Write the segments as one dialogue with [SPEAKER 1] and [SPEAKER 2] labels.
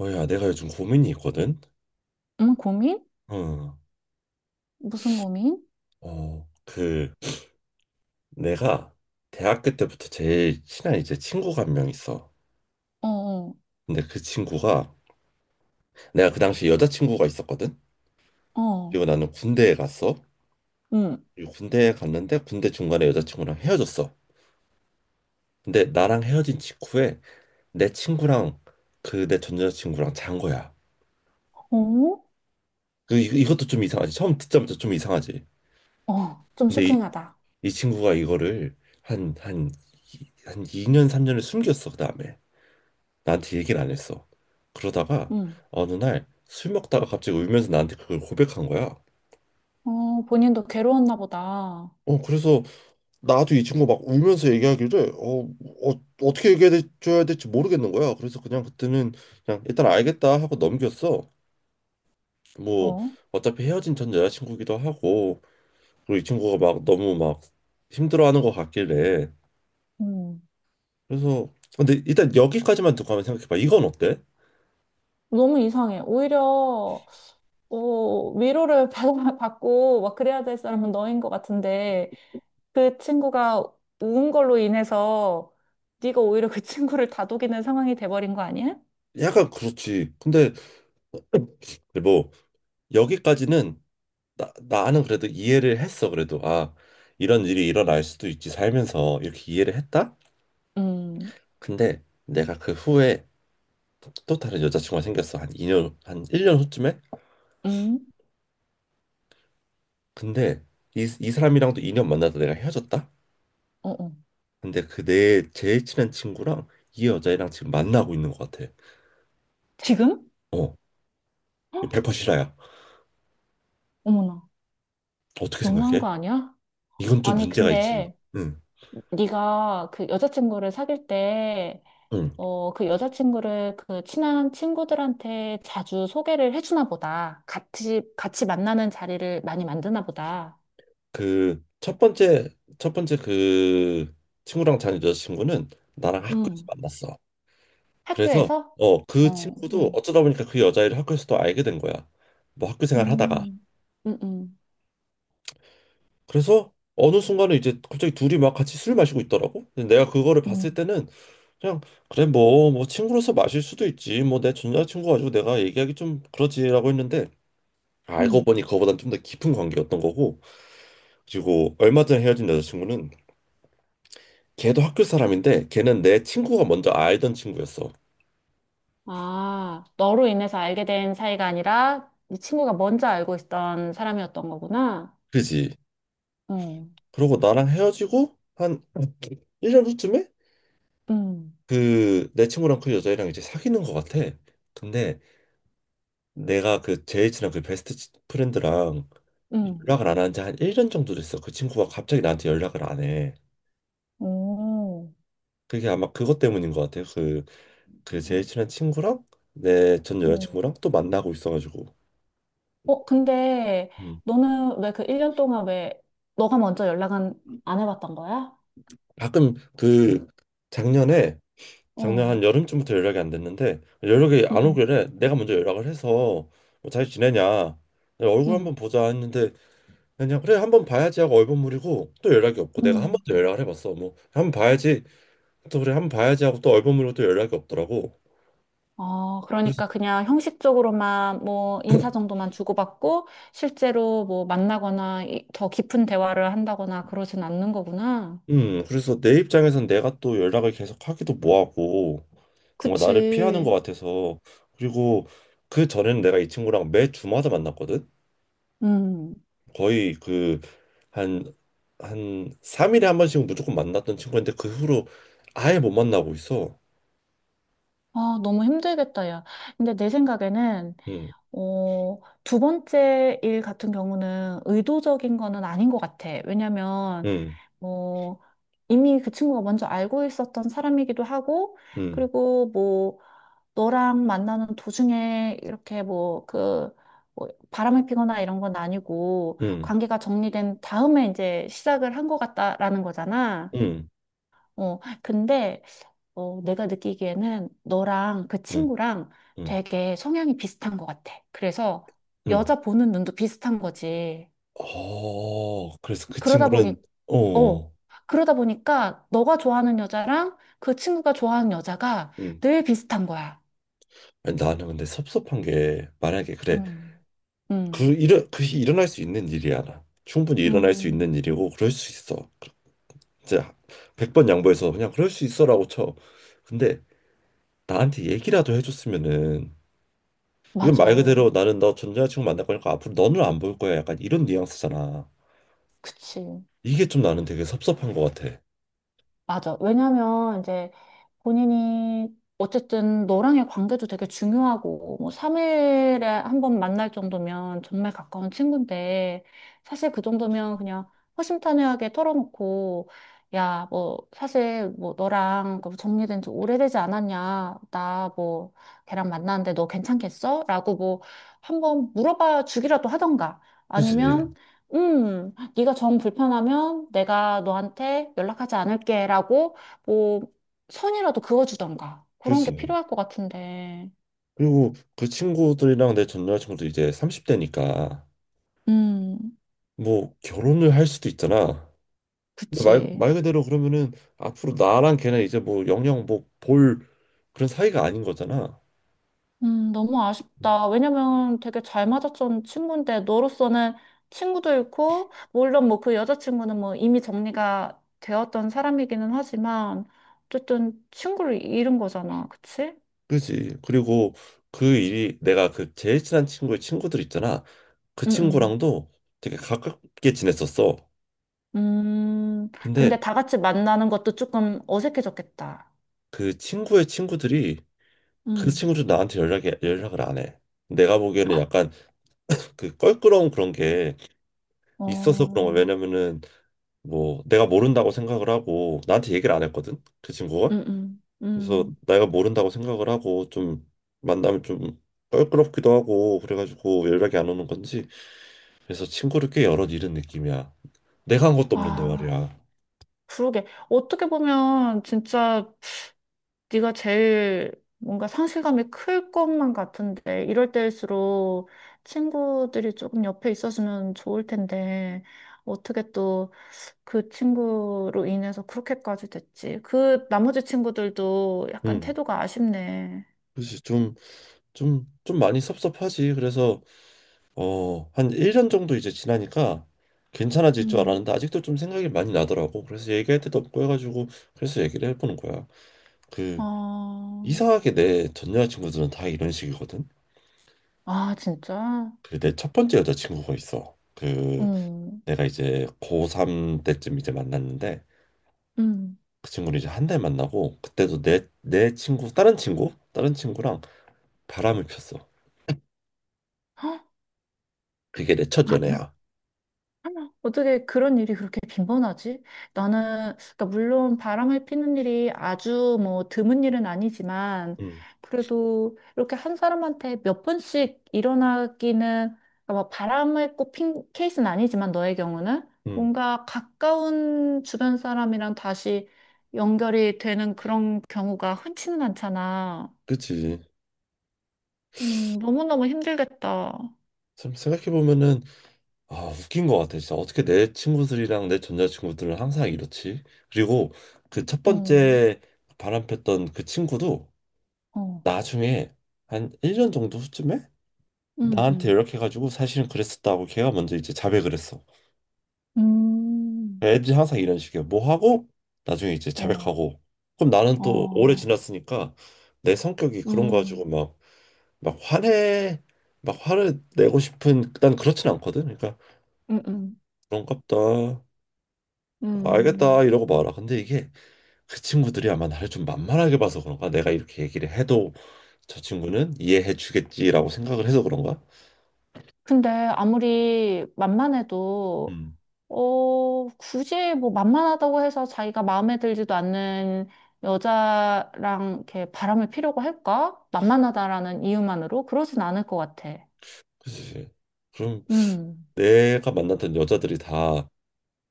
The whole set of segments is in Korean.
[SPEAKER 1] 야, 내가 요즘 고민이 있거든?
[SPEAKER 2] 응, 고민?
[SPEAKER 1] 어,
[SPEAKER 2] 무슨 고민?
[SPEAKER 1] 어, 그, 내가 대학교 때부터 제일 친한 이제 친구가 한 명 있어.
[SPEAKER 2] 어, 어,
[SPEAKER 1] 근데 그 친구가, 내가 그 당시 여자친구가 있었거든?
[SPEAKER 2] 어,
[SPEAKER 1] 그리고 나는 군대에 갔어.
[SPEAKER 2] 응,
[SPEAKER 1] 그리고 군대에 갔는데 군대 중간에 여자친구랑 헤어졌어. 근데 나랑 헤어진 직후에 내 친구랑 그 내 전 여자친구랑 잔 거야.
[SPEAKER 2] 어,
[SPEAKER 1] 그, 이것도 좀 이상하지. 처음 듣자마자 좀 이상하지.
[SPEAKER 2] 어, 좀
[SPEAKER 1] 근데 이,
[SPEAKER 2] 쇼킹하다.
[SPEAKER 1] 이 친구가 이거를 한, 한, 한 2년, 3년을 숨겼어, 그 다음에. 나한테 얘기를 안 했어. 그러다가
[SPEAKER 2] 응,
[SPEAKER 1] 어느 날 술 먹다가 갑자기 울면서 나한테 그걸 고백한 거야.
[SPEAKER 2] 어, 본인도 괴로웠나 보다.
[SPEAKER 1] 그래서 나도 이 친구 막 울면서 얘기하기를 어떻게 얘기해 줘야 될지 모르겠는 거야. 그래서 그냥 그때는 그냥 일단 알겠다 하고 넘겼어. 뭐
[SPEAKER 2] 어,
[SPEAKER 1] 어차피 헤어진 전 여자친구기도 하고 그리고 이 친구가 막 너무 막 힘들어하는 것 같길래
[SPEAKER 2] 음,
[SPEAKER 1] 그래서 근데 일단 여기까지만 듣고 한번 생각해봐. 이건 어때?
[SPEAKER 2] 너무 이상해. 오히려, 어, 위로를 받고 막 그래야 될 사람은 너인 것 같은데, 그 친구가 운 걸로 인해서 네가 오히려 그 친구를 다독이는 상황이 돼버린 거 아니야?
[SPEAKER 1] 약간 그렇지. 근데 뭐 여기까지는 나는 그래도 이해를 했어. 그래도 아 이런 일이 일어날 수도 있지 살면서 이렇게 이해를 했다.
[SPEAKER 2] 음,
[SPEAKER 1] 근데 내가 그 후에 또, 다른 여자친구가 생겼어. 한 이 년한 1년 후쯤에.
[SPEAKER 2] 음,
[SPEAKER 1] 근데 이 사람이랑도 2년 만나다 내가 헤어졌다.
[SPEAKER 2] 어, 어.
[SPEAKER 1] 근데 그 내 제일 친한 친구랑 이 여자애랑 지금 만나고 있는 것 같아.
[SPEAKER 2] 지금?
[SPEAKER 1] 어,
[SPEAKER 2] 헉,
[SPEAKER 1] 1퍼시 실화야.
[SPEAKER 2] 어머나,
[SPEAKER 1] 어떻게
[SPEAKER 2] 너무한
[SPEAKER 1] 생각해?
[SPEAKER 2] 거 아니야?
[SPEAKER 1] 이건 좀
[SPEAKER 2] 아니,
[SPEAKER 1] 문제가 있지.
[SPEAKER 2] 근데
[SPEAKER 1] 응,
[SPEAKER 2] 네가 그 여자친구를 사귈 때,
[SPEAKER 1] 응.
[SPEAKER 2] 어, 그 여자친구를 그 친한 친구들한테 자주 소개를 해주나 보다. 같이, 같이 만나는 자리를 많이 만드나 보다.
[SPEAKER 1] 그 첫 번째 그 친구랑 잔 여자친구는 나랑 학교에서
[SPEAKER 2] 음.
[SPEAKER 1] 만났어. 그래서
[SPEAKER 2] 학교에서?
[SPEAKER 1] 그
[SPEAKER 2] 어,
[SPEAKER 1] 친구도
[SPEAKER 2] 응,
[SPEAKER 1] 어쩌다 보니까 그 여자애를 학교에서 또 알게 된 거야. 뭐 학교 생활 하다가.
[SPEAKER 2] 음, 음
[SPEAKER 1] 그래서 어느 순간에 이제 갑자기 둘이 막 같이 술 마시고 있더라고. 근데 내가 그거를
[SPEAKER 2] 음,
[SPEAKER 1] 봤을 때는 그냥 그래 뭐 친구로서 마실 수도 있지. 뭐 내 전 여자친구 가지고 내가 얘기하기 좀 그러지라고 했는데 알고
[SPEAKER 2] 음.
[SPEAKER 1] 보니 그거보단 좀 더 깊은 관계였던 거고. 그리고 얼마 전에 헤어진 여자친구는 걔도 학교 사람인데 걔는 내 친구가 먼저 알던 친구였어.
[SPEAKER 2] 아, 너로 인해서 알게 된 사이가 아니라 이 친구가 먼저 알고 있던 사람이었던 거구나.
[SPEAKER 1] 그지?
[SPEAKER 2] 어,
[SPEAKER 1] 그러고 나랑 헤어지고 한 1년 후쯤에
[SPEAKER 2] 응,
[SPEAKER 1] 그 내 친구랑 그 여자애랑 이제 사귀는 것 같아. 근데 내가 그 제일 친한 그 베스트 프렌드랑
[SPEAKER 2] 응.
[SPEAKER 1] 연락을 안 한 지 한 1년 정도 됐어. 그 친구가 갑자기 나한테 연락을 안 해.
[SPEAKER 2] 오,
[SPEAKER 1] 그게 아마 그것 때문인 것 같아. 그 제일 친한 친구랑 내 전
[SPEAKER 2] 음.
[SPEAKER 1] 여자친구랑 또 만나고 있어가지고.
[SPEAKER 2] 어, 근데
[SPEAKER 1] 음.
[SPEAKER 2] 너는 왜 그 1년 동안 왜 너가 먼저 연락은 안 해봤던 거야?
[SPEAKER 1] 가끔 그 작년에 작년
[SPEAKER 2] 어,
[SPEAKER 1] 한 여름쯤부터 연락이 안 됐는데 연락이
[SPEAKER 2] 응,
[SPEAKER 1] 안
[SPEAKER 2] 응,
[SPEAKER 1] 오길래 내가 먼저 연락을 해서 뭐 잘 지내냐 얼굴 한번
[SPEAKER 2] 응.
[SPEAKER 1] 보자 했는데 그냥 그래 한 번 봐야지 하고 얼버무리고 또 연락이 없고 내가 한 번
[SPEAKER 2] 음,
[SPEAKER 1] 더 연락을 해봤어 뭐 한 번 봐야지 또 그래 한 번 봐야지 하고 또 얼버무리고 또 연락이 없더라고
[SPEAKER 2] 어,
[SPEAKER 1] 그래서
[SPEAKER 2] 그러니까 그냥 형식적으로만 뭐 인사 정도만 주고받고 실제로 뭐 만나거나 더 깊은 대화를 한다거나 그러진 않는 거구나.
[SPEAKER 1] 그래서 내 입장에선 내가 또 연락을 계속 하기도 뭐하고 뭔가 나를 피하는
[SPEAKER 2] 그치.
[SPEAKER 1] 것 같아서 그리고 그 전에는 내가 이 친구랑 매 주마다 만났거든
[SPEAKER 2] 음.
[SPEAKER 1] 거의 그 한 한 3일에 한 번씩 무조건 만났던 친구인데 그 후로 아예 못 만나고 있어
[SPEAKER 2] 아, 너무 힘들겠다, 야. 근데 내 생각에는,
[SPEAKER 1] 음
[SPEAKER 2] 어, 두 번째 일 같은 경우는 의도적인 거는 아닌 것 같아. 왜냐면,
[SPEAKER 1] 음
[SPEAKER 2] 뭐, 이미 그 친구가 먼저 알고 있었던 사람이기도 하고,
[SPEAKER 1] 음
[SPEAKER 2] 그리고 뭐, 너랑 만나는 도중에 이렇게 뭐, 그, 뭐 바람을 피거나 이런 건 아니고,
[SPEAKER 1] 음
[SPEAKER 2] 관계가 정리된 다음에 이제 시작을 한 것 같다라는 거잖아.
[SPEAKER 1] 음
[SPEAKER 2] 어, 근데, 어, 내가 느끼기에는 너랑 그
[SPEAKER 1] 음 음
[SPEAKER 2] 친구랑
[SPEAKER 1] 음
[SPEAKER 2] 되게 성향이 비슷한 것 같아. 그래서
[SPEAKER 1] 음.
[SPEAKER 2] 여자 보는 눈도 비슷한 거지.
[SPEAKER 1] 그래서 그
[SPEAKER 2] 그러다 보니
[SPEAKER 1] 친구는
[SPEAKER 2] 어.
[SPEAKER 1] 어,
[SPEAKER 2] 그러다 보니까 너가 좋아하는 여자랑 그 친구가 좋아하는 여자가
[SPEAKER 1] 음.
[SPEAKER 2] 늘 비슷한 거야.
[SPEAKER 1] 아니, 나는 근데 섭섭한 게 만약에 그래
[SPEAKER 2] 음,
[SPEAKER 1] 그
[SPEAKER 2] 음.
[SPEAKER 1] 일어 그것이 일어날 수 있는 일이야 나. 충분히 일어날 수
[SPEAKER 2] 음,
[SPEAKER 1] 있는 일이고 그럴 수 있어. 이제 백 번 양보해서 그냥 그럴 수 있어라고 쳐. 근데 나한테 얘기라도 해줬으면은 이건
[SPEAKER 2] 맞아.
[SPEAKER 1] 말 그대로 나는 너 전 여자친구 만날 거니까 앞으로 너는 안 볼 거야 약간 이런 뉘앙스잖아.
[SPEAKER 2] 그치.
[SPEAKER 1] 이게 좀 나는 되게 섭섭한 것 같아.
[SPEAKER 2] 맞아. 왜냐면 이제 본인이 어쨌든 너랑의 관계도 되게 중요하고 뭐 3일에 한 번 만날 정도면 정말 가까운 친구인데 사실 그 정도면 그냥 허심탄회하게 털어놓고 야, 뭐 사실 뭐 너랑 그 정리된 지 오래되지 않았냐? 나 뭐 걔랑 만났는데 너 괜찮겠어? 라고 뭐 한번 물어봐 주기라도 하던가
[SPEAKER 1] 그치,
[SPEAKER 2] 아니면 네가 정 불편하면 내가 너한테 연락하지 않을게라고 선이라도 그어주던가. 그런 게
[SPEAKER 1] 그치.
[SPEAKER 2] 필요할 것 같은데.
[SPEAKER 1] 그리고 그 친구들이랑 내 전 여자친구도 이제 삼십대니까
[SPEAKER 2] 음,
[SPEAKER 1] 뭐 결혼을 할 수도 있잖아. 근데 말,
[SPEAKER 2] 그치.
[SPEAKER 1] 말 그대로 그러면은 앞으로 나랑 걔는 이제 뭐 영영 뭐 볼 그런 사이가 아닌 거잖아.
[SPEAKER 2] 너무 아쉽다. 왜냐면 되게 잘 맞았던 친구인데, 너로서는 친구도 잃고, 물론 뭐 그 여자친구는 뭐 이미 정리가 되었던 사람이기는 하지만, 어쨌든 친구를 잃은 거잖아. 그치?
[SPEAKER 1] 그지? 그리고 그 일이 내가 그 제일 친한 친구의 친구들 있잖아. 그
[SPEAKER 2] 응, 응.
[SPEAKER 1] 친구랑도 되게 가깝게 지냈었어. 근데
[SPEAKER 2] 근데 다 같이 만나는 것도 조금 어색해졌겠다.
[SPEAKER 1] 그 친구의 친구들이 그
[SPEAKER 2] 음.
[SPEAKER 1] 친구들 나한테 연락이 연락을 안 해. 내가 보기에는 약간 그 껄끄러운 그런 게 있어서 그런 거.
[SPEAKER 2] 어,
[SPEAKER 1] 왜냐면은 뭐 내가 모른다고 생각을 하고 나한테 얘기를 안 했거든 그 친구가
[SPEAKER 2] 응, 응,
[SPEAKER 1] 그래서
[SPEAKER 2] 응.
[SPEAKER 1] 내가 모른다고 생각을 하고 좀 만나면 좀 껄끄럽기도 하고 그래가지고 연락이 안 오는 건지 그래서 친구를 꽤 여럿 잃은 느낌이야 내가 한 것도 없는데
[SPEAKER 2] 아.
[SPEAKER 1] 말이야
[SPEAKER 2] 그러게. 어떻게 보면 진짜 네가 제일 뭔가 상실감이 클 것만 같은데 이럴 때일수록 친구들이 조금 옆에 있었으면 좋을 텐데 어떻게 또 그 친구로 인해서 그렇게까지 됐지? 그 나머지 친구들도 약간
[SPEAKER 1] 음
[SPEAKER 2] 태도가 아쉽네.
[SPEAKER 1] 그렇지 좀 많이 섭섭하지 그래서 한 1년 정도 이제 지나니까 괜찮아질 줄
[SPEAKER 2] 음.
[SPEAKER 1] 알았는데 아직도 좀 생각이 많이 나더라고 그래서 얘기할 때도 없고 해가지고 그래서 얘기를 해보는 거야
[SPEAKER 2] 아,
[SPEAKER 1] 그 이상하게 내 전 여자친구들은 다 이런 식이거든.
[SPEAKER 2] 아 진짜?
[SPEAKER 1] 그 내 첫 번째 여자친구가 있어. 그
[SPEAKER 2] 음.
[SPEAKER 1] 내가 이제 고3 때쯤 이제 만났는데
[SPEAKER 2] 음.
[SPEAKER 1] 그 친구를 이제 한 달 만나고 그때도 내 친구 다른 친구랑 바람을 폈어.
[SPEAKER 2] 헉?
[SPEAKER 1] 그게 내 첫 연애야.
[SPEAKER 2] 어떻게 그런 일이 그렇게 빈번하지? 나는, 그러니까 물론 바람을 피는 일이 아주 뭐 드문 일은 아니지만,
[SPEAKER 1] 응,
[SPEAKER 2] 그래도 이렇게 한 사람한테 몇 번씩 일어나기는, 그러니까 막 바람을 꼭 핀 케이스는 아니지만 너의 경우는
[SPEAKER 1] 응,
[SPEAKER 2] 뭔가 가까운 주변 사람이랑 다시 연결이 되는 그런 경우가 흔치는 않잖아.
[SPEAKER 1] 그치.
[SPEAKER 2] 너무너무 힘들겠다.
[SPEAKER 1] 참 생각해 보면은 아 웃긴 것 같아. 진짜 어떻게 내 친구들이랑 내 전 여자친구들은 항상 이렇지? 그리고 그 첫
[SPEAKER 2] 음,
[SPEAKER 1] 번째 바람 폈던 그 친구도
[SPEAKER 2] 어,
[SPEAKER 1] 나중에 한 1년 정도 후쯤에
[SPEAKER 2] 음,
[SPEAKER 1] 나한테
[SPEAKER 2] 음.
[SPEAKER 1] 연락해가지고 사실은 그랬었다고 걔가 먼저 이제 자백을 했어.
[SPEAKER 2] 음,
[SPEAKER 1] 애들이 항상 이런 식이야. 뭐 하고 나중에 이제
[SPEAKER 2] 어.
[SPEAKER 1] 자백하고. 그럼 나는 또 오래
[SPEAKER 2] 어,
[SPEAKER 1] 지났으니까 내 성격이 그런 거 가지고
[SPEAKER 2] 음,
[SPEAKER 1] 막 화내 막 화를 내고 싶은 난 그렇진 않거든. 그러니까
[SPEAKER 2] 음, 음,
[SPEAKER 1] 그런갑다. 알겠다
[SPEAKER 2] 음.
[SPEAKER 1] 이러고 말아. 근데 이게 그 친구들이 아마 나를 좀 만만하게 봐서 그런가? 내가 이렇게 얘기를 해도 저 친구는 이해해 주겠지라고 생각을 해서 그런가?
[SPEAKER 2] 근데 아무리 만만해도,
[SPEAKER 1] 음.
[SPEAKER 2] 어, 굳이 뭐 만만하다고 해서 자기가 마음에 들지도 않는 여자랑 이렇게 바람을 피려고 할까? 만만하다라는 이유만으로? 그러진 않을 것 같아.
[SPEAKER 1] 그치. 그럼
[SPEAKER 2] 음.
[SPEAKER 1] 내가 만났던 여자들이 다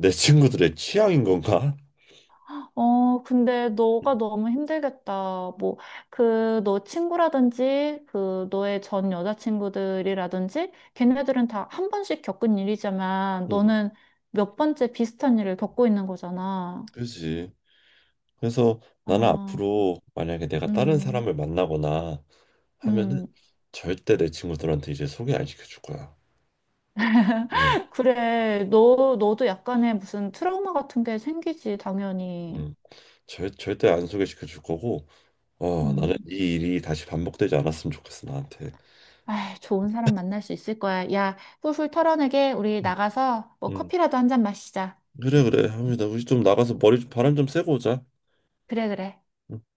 [SPEAKER 1] 내 친구들의 취향인 건가?
[SPEAKER 2] 어, 근데
[SPEAKER 1] 음,
[SPEAKER 2] 너가 너무 힘들겠다. 뭐, 그, 너 친구라든지, 그, 너의 전 여자친구들이라든지, 걔네들은 다 한 번씩 겪은 일이지만,
[SPEAKER 1] 음,
[SPEAKER 2] 너는 몇 번째 비슷한 일을 겪고 있는 거잖아.
[SPEAKER 1] 그지. 그래서 나는
[SPEAKER 2] 아,
[SPEAKER 1] 앞으로 만약에 내가 다른
[SPEAKER 2] 음,
[SPEAKER 1] 사람을 만나거나 하면은
[SPEAKER 2] 음.
[SPEAKER 1] 절대 내 친구들한테 이제 소개 안 시켜줄 거야. 네.
[SPEAKER 2] 그래, 너, 너도 약간의 무슨 트라우마 같은 게 생기지, 당연히.
[SPEAKER 1] 음, 절대 안 소개시켜 줄 거고,
[SPEAKER 2] 음.
[SPEAKER 1] 나는 이 일이 다시 반복되지 않았으면 좋겠어, 나한테.
[SPEAKER 2] 아이, 좋은 사람 만날 수 있을 거야. 야, 훌훌 털어내게, 우리
[SPEAKER 1] 음.
[SPEAKER 2] 나가서 뭐
[SPEAKER 1] 음.
[SPEAKER 2] 커피라도 한 잔 마시자.
[SPEAKER 1] 그래, 그래. 합니다. 우리 좀 나가서 머리 좀 바람 좀 쐬고 오자.
[SPEAKER 2] 그래, 그래.
[SPEAKER 1] 음.